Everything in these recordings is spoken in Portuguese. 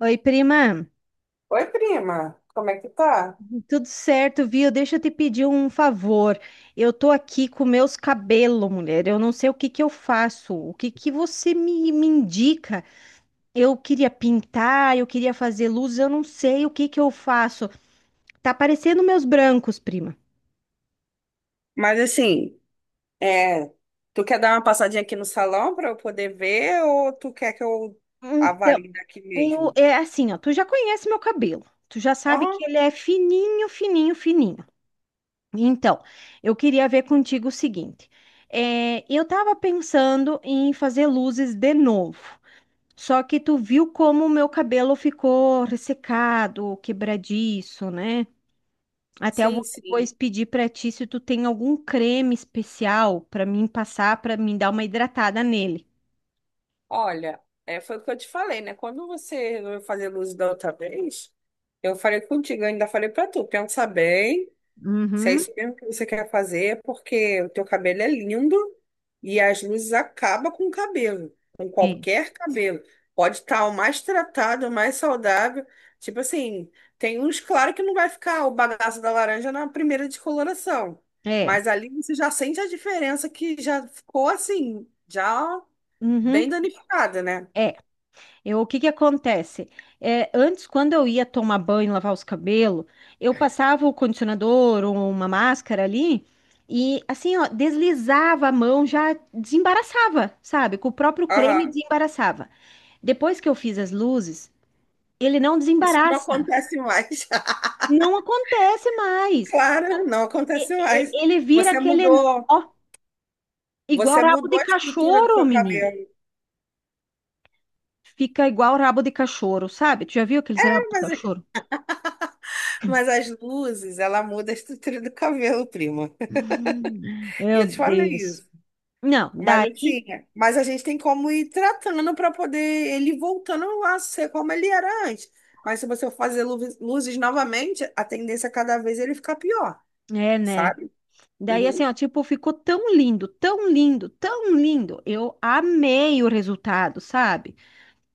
Oi, prima. Oi, prima, como é que tá? Tudo certo, viu? Deixa eu te pedir um favor. Eu tô aqui com meus cabelos, mulher. Eu não sei o que que eu faço. O que que você me indica? Eu queria pintar, eu queria fazer luz, eu não sei o que que eu faço. Tá parecendo meus brancos, prima. Mas assim, é, tu quer dar uma passadinha aqui no salão para eu poder ver ou tu quer que eu Então, avalie daqui mesmo? é assim, ó. Tu já conhece meu cabelo. Tu já sabe Aham, que ele é fininho, fininho, fininho. Então, eu queria ver contigo o seguinte. Eu estava pensando em fazer luzes de novo, só que tu viu como o meu cabelo ficou ressecado, quebradiço, né? Até eu sim, vou sim. depois pedir para ti se tu tem algum creme especial para mim passar, para mim dar uma hidratada nele. Olha, foi o que eu te falei, né? Quando você resolveu fazer luz da outra vez, eu falei contigo, eu ainda falei para tu, pensa bem. Se é Uhum. isso mesmo que você quer fazer, é porque o teu cabelo é lindo e as luzes acabam com o cabelo, com qualquer cabelo. Pode estar o mais tratado, o mais saudável. Tipo assim, tem uns, claro que não vai ficar o bagaço da laranja na primeira descoloração. É, Mas ali você já sente a diferença que já ficou assim, já uhum, bem danificada, né? é. Eu, o que que acontece? É, antes, quando eu ia tomar banho, lavar os cabelos, eu passava o condicionador ou uma máscara ali e, assim, ó, deslizava a mão, já desembaraçava, sabe? Com o próprio creme Aham. desembaraçava. Depois que eu fiz as luzes, ele não Isso não desembaraça. acontece mais. Não acontece mais. Claro, não acontece mais. Ele vira Você aquele nó, mudou. igual Você rabo mudou de a estrutura do cachorro, seu menino. cabelo. Fica igual rabo de cachorro, sabe? Tu já viu aqueles rabos de Mas, cachorro? mas as luzes, ela muda a estrutura do cabelo, prima. Ah, E meu eu te falei Deus. isso. Não, Mas daí, assim, mas a gente tem como ir tratando para poder ele voltando a ser como ele era antes. Mas se você fazer luzes, luzes novamente, a tendência é cada vez ele ficar pior, é, né? sabe? Daí, Uhum. assim, ó, tipo, ficou tão lindo, tão lindo, tão lindo. Eu amei o resultado, sabe?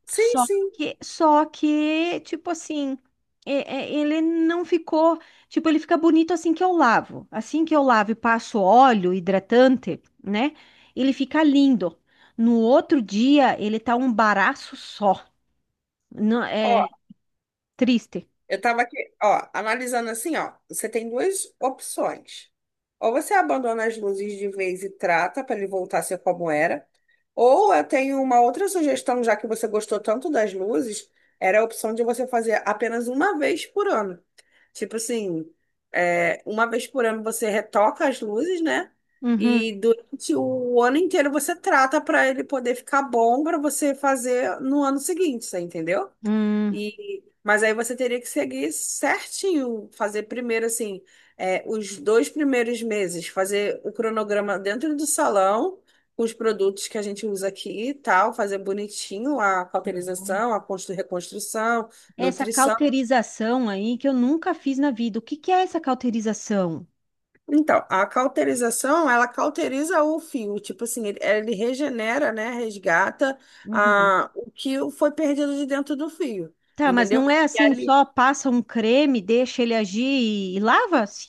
Sim, Só sim. só que, tipo assim, ele não ficou, tipo, ele fica bonito assim que eu lavo. Assim que eu lavo e passo óleo hidratante, né? Ele fica lindo. No outro dia, ele tá um baraço só. Não, é Ó, triste. eu tava aqui, ó, analisando assim, ó. Você tem duas opções. Ou você abandona as luzes de vez e trata para ele voltar a ser como era. Ou eu tenho uma outra sugestão, já que você gostou tanto das luzes, era a opção de você fazer apenas uma vez por ano. Tipo assim, uma vez por ano você retoca as luzes, né? Uhum. E durante o ano inteiro você trata para ele poder ficar bom para você fazer no ano seguinte, você entendeu? Hum. Mas aí você teria que seguir certinho, fazer primeiro assim, os dois primeiros meses, fazer o cronograma dentro do salão, com os produtos que a gente usa aqui e tal, fazer bonitinho a cauterização, a reconstrução, Essa nutrição. cauterização aí que eu nunca fiz na vida. O que que é essa cauterização? Então, a cauterização, ela cauteriza o fio, tipo assim, ele regenera, né, resgata Uhum. O que foi perdido de dentro do fio, Tá, mas entendeu? não é assim, só passa um creme, deixa ele agir e lava? Sim,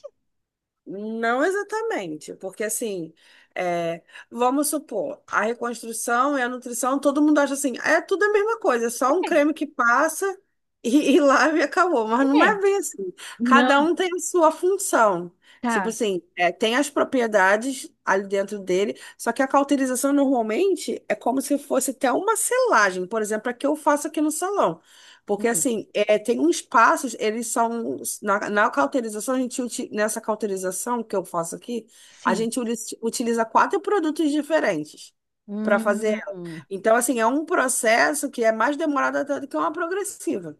Não exatamente, porque assim, é, vamos supor, a reconstrução e a nutrição, todo mundo acha assim, é tudo a mesma coisa, é só um creme que passa e lava e acabou, mas não é, é é. bem assim. Não, Cada um tem a sua função. Tipo tá. assim, é, tem as propriedades ali dentro dele, só que a cauterização normalmente é como se fosse até uma selagem, por exemplo, a que eu faço aqui no salão. Porque, Hum, assim, tem uns passos, eles são. Na cauterização, a gente, nessa cauterização que eu faço aqui, a sim. gente utiliza quatro produtos diferentes para fazer ela. Hum. Então, assim, é um processo que é mais demorado até do que uma progressiva.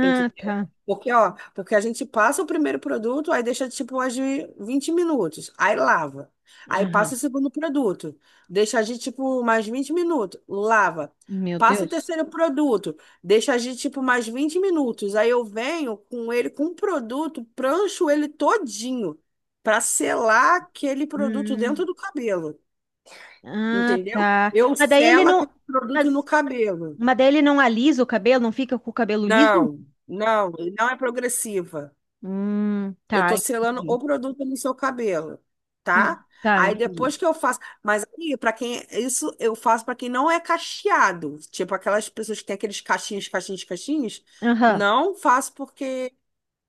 Tem que ter. tá. Porque, ó, porque a gente passa o primeiro produto, aí deixa tipo agir 20 minutos, aí lava. Aí passa Aham. o segundo produto, deixa agir tipo mais 20 minutos, lava. Meu Passa o Deus. terceiro produto, deixa agir tipo mais 20 minutos. Aí eu venho com ele com o produto, prancho ele todinho para selar aquele produto Hum. dentro do cabelo, Ah, entendeu? tá. Eu Mas daí ele selo não. aquele produto Mas, no cabelo. mas daí ele não alisa o cabelo, não fica com o cabelo liso? Não, não, não é progressiva. Eu Tá, tô selando o entendi. produto no seu cabelo, tá? Tá, Aí entendi. depois que eu faço, mas aí para quem isso eu faço para quem não é cacheado, tipo aquelas pessoas que têm aqueles cachinhos, cachinhos, cachinhos, Aham. não faço porque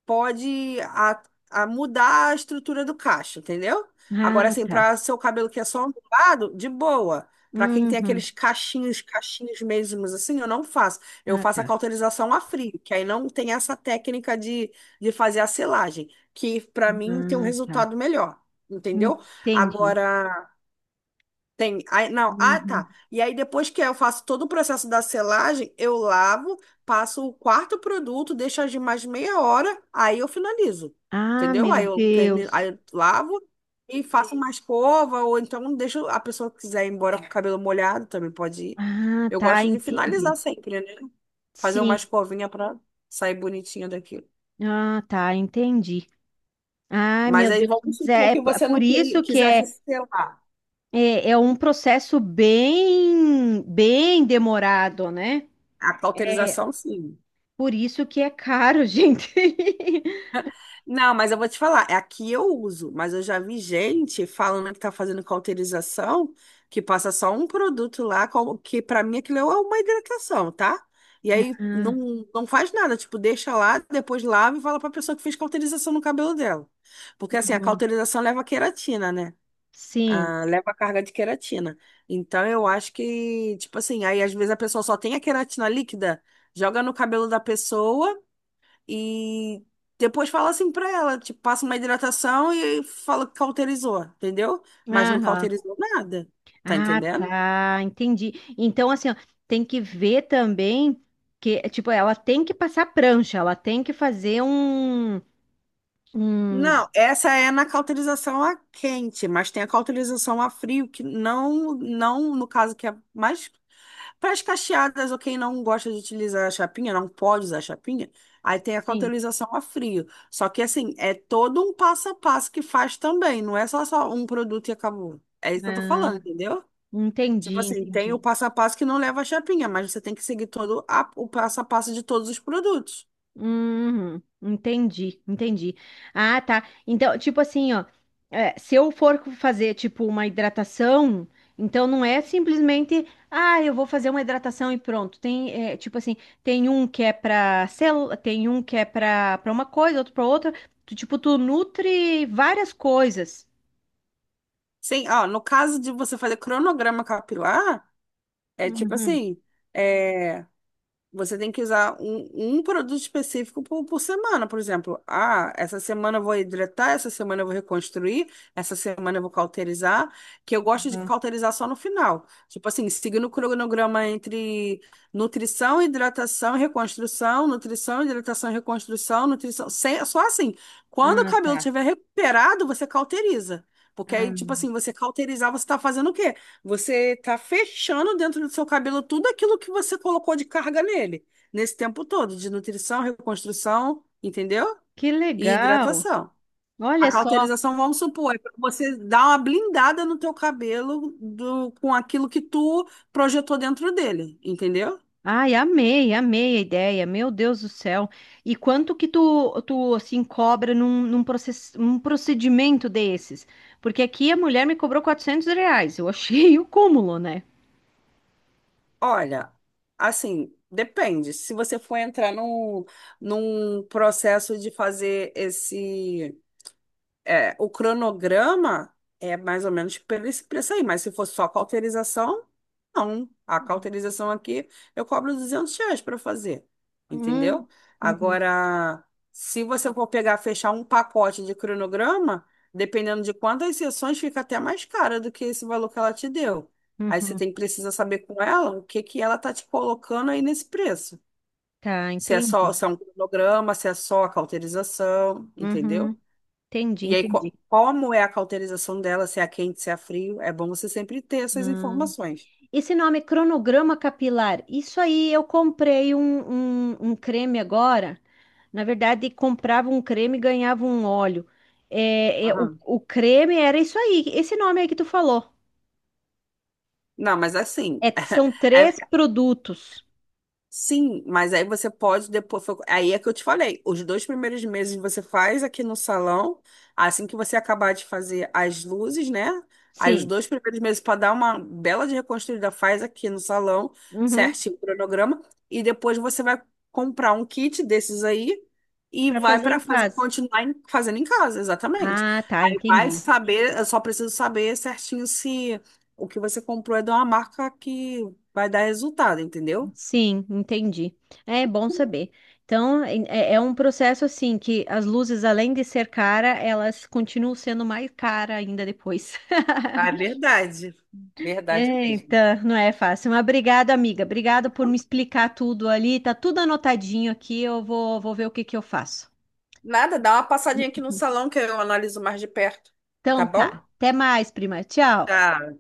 pode a mudar a estrutura do cacho, entendeu? Agora, Ah, assim, tá. para seu cabelo que é só ondulado, de boa. Para quem tem Uhum. aqueles cachinhos, cachinhos mesmos, assim, eu não faço. Eu Ah, faço a tá. cauterização a frio, que aí não tem essa técnica de fazer a selagem, que para mim tem um Ah, tá. resultado melhor, entendeu? Entendi. Agora. Tem, aí, não, ah, Uhum. tá. E aí depois que eu faço todo o processo da selagem, eu lavo, passo o quarto produto, deixo agir mais meia hora, aí eu finalizo. Ah, Entendeu? meu Aí eu termino, aí Deus. eu lavo e faço uma escova, ou então deixo a pessoa que quiser ir embora com o cabelo molhado, também pode ir. Ah, Eu tá, gosto de finalizar entendi. sempre, né? Fazer uma Sim. escovinha para sair bonitinha daquilo. Ah, tá, entendi. Ai, Mas meu aí Deus. vamos Mas É, supor é que p- é você por não isso que é, quisesse selar. é, é um processo bem, bem demorado, né? A É cauterização, sim. por isso que é caro, gente. Não, mas eu vou te falar, é aqui eu uso, mas eu já vi gente falando que tá fazendo cauterização, que passa só um produto lá, que pra mim aquilo é uma hidratação, tá? E aí Ah, não, não faz nada, tipo, deixa lá, depois lava e fala pra pessoa que fez cauterização no cabelo dela. Porque assim, a uhum. cauterização leva queratina, né? Sim. Ah, leva carga de queratina. Então eu acho que, tipo assim, aí às vezes a pessoa só tem a queratina líquida, joga no cabelo da pessoa. E depois fala assim pra ela, tipo, passa uma hidratação e fala que cauterizou, entendeu? Mas não Aham. cauterizou nada, tá Ah, entendendo? tá, entendi. Então, assim, ó, tem que ver também que, tipo, ela tem que passar prancha, ela tem que fazer um, Não, essa é na cauterização a quente, mas tem a cauterização a frio, que não, não no caso que é mais para as cacheadas ou quem não gosta de utilizar a chapinha, não pode usar a chapinha, aí tem a sim, cauterização a frio. Só que assim, é todo um passo a passo que faz também, não é só, só um produto e acabou. É isso que eu tô ah, falando, entendeu? Tipo entendi, assim, tem entendi. o passo a passo que não leva a chapinha, mas você tem que seguir todo o passo a passo de todos os produtos. Uhum, entendi, entendi. Ah, tá. Então, tipo assim, ó, é, se eu for fazer, tipo, uma hidratação, então não é simplesmente, ah, eu vou fazer uma hidratação e pronto. Tem, é, tipo assim, tem um que é pra célula, tem um que é pra, pra uma coisa, outro pra outra. Tu, tipo, tu nutre várias coisas. Sim, ó, no caso de você fazer cronograma capilar, é tipo Uhum. assim, é, você tem que usar um, um produto específico por semana, por exemplo. Ah, essa semana eu vou hidratar, essa semana eu vou reconstruir, essa semana eu vou cauterizar, que eu gosto de Uhum. cauterizar só no final. Tipo assim, seguindo o cronograma entre nutrição, hidratação, reconstrução, nutrição, hidratação, reconstrução, nutrição. Sem, só assim, quando o Ah, cabelo tá. estiver recuperado, você cauteriza. Porque aí, Ah, tipo assim, você cauterizar, você tá fazendo o quê? Você está fechando dentro do seu cabelo tudo aquilo que você colocou de carga nele, nesse tempo todo, de nutrição, reconstrução, entendeu? que E legal. hidratação. A Olha só. cauterização, vamos supor, é para você dar uma blindada no teu cabelo do, com aquilo que tu projetou dentro dele, entendeu? Ai, amei, amei a ideia. Meu Deus do céu. E quanto que tu, tu assim, cobra num procedimento desses? Porque aqui a mulher me cobrou R$ 400. Eu achei o cúmulo, né? Olha, assim, depende. Se você for entrar num, num processo de fazer esse é, o cronograma é mais ou menos pelo esse preço aí, mas se for só cauterização, não. A cauterização aqui eu cobro R$ 200 para fazer, Hum, entendeu? uhum. Agora, se você for pegar, fechar um pacote de cronograma, dependendo de quantas sessões, fica até mais cara do que esse valor que ela te deu. Aí você Uhum. tem que precisar saber com ela o que que ela tá te colocando aí nesse preço. Tá, Se é só, entendi. se é um cronograma, se é só a cauterização, entendeu? Uhum. Entendi, E aí, entendi. como é a cauterização dela, se é a quente, se é a frio, é bom você sempre ter essas Hum. informações. Esse nome é cronograma capilar. Isso aí, eu comprei um creme agora. Na verdade, comprava um creme e ganhava um óleo. O, Aham. o creme era isso aí, esse nome aí que tu falou. Não, mas assim, É, são é. três produtos. Sim, mas aí você pode depois. Aí é que eu te falei. Os dois primeiros meses você faz aqui no salão. Assim que você acabar de fazer as luzes, né? Aí os Sim. dois primeiros meses para dar uma bela de reconstruída, faz aqui no salão, Uhum. certinho o cronograma. E depois você vai comprar um kit desses aí e Para vai fazer para em fazer, casa. continuar fazendo em casa, exatamente. Ah, tá, Aí vai entendi. saber, eu só preciso saber certinho se o que você comprou é de uma marca que vai dar resultado, entendeu? Sim, entendi. É bom saber. Então, é, é um processo assim que as luzes, além de ser cara, elas continuam sendo mais cara ainda depois. Ah, é verdade. Verdade mesmo. Eita, não é fácil. Mas obrigado, amiga. Obrigada por me explicar tudo ali. Tá tudo anotadinho aqui. Eu vou ver o que que eu faço. Nada, dá uma passadinha aqui no salão que eu analiso mais de perto. Então Tá tá. bom? Até mais, prima. Tchau. Tá.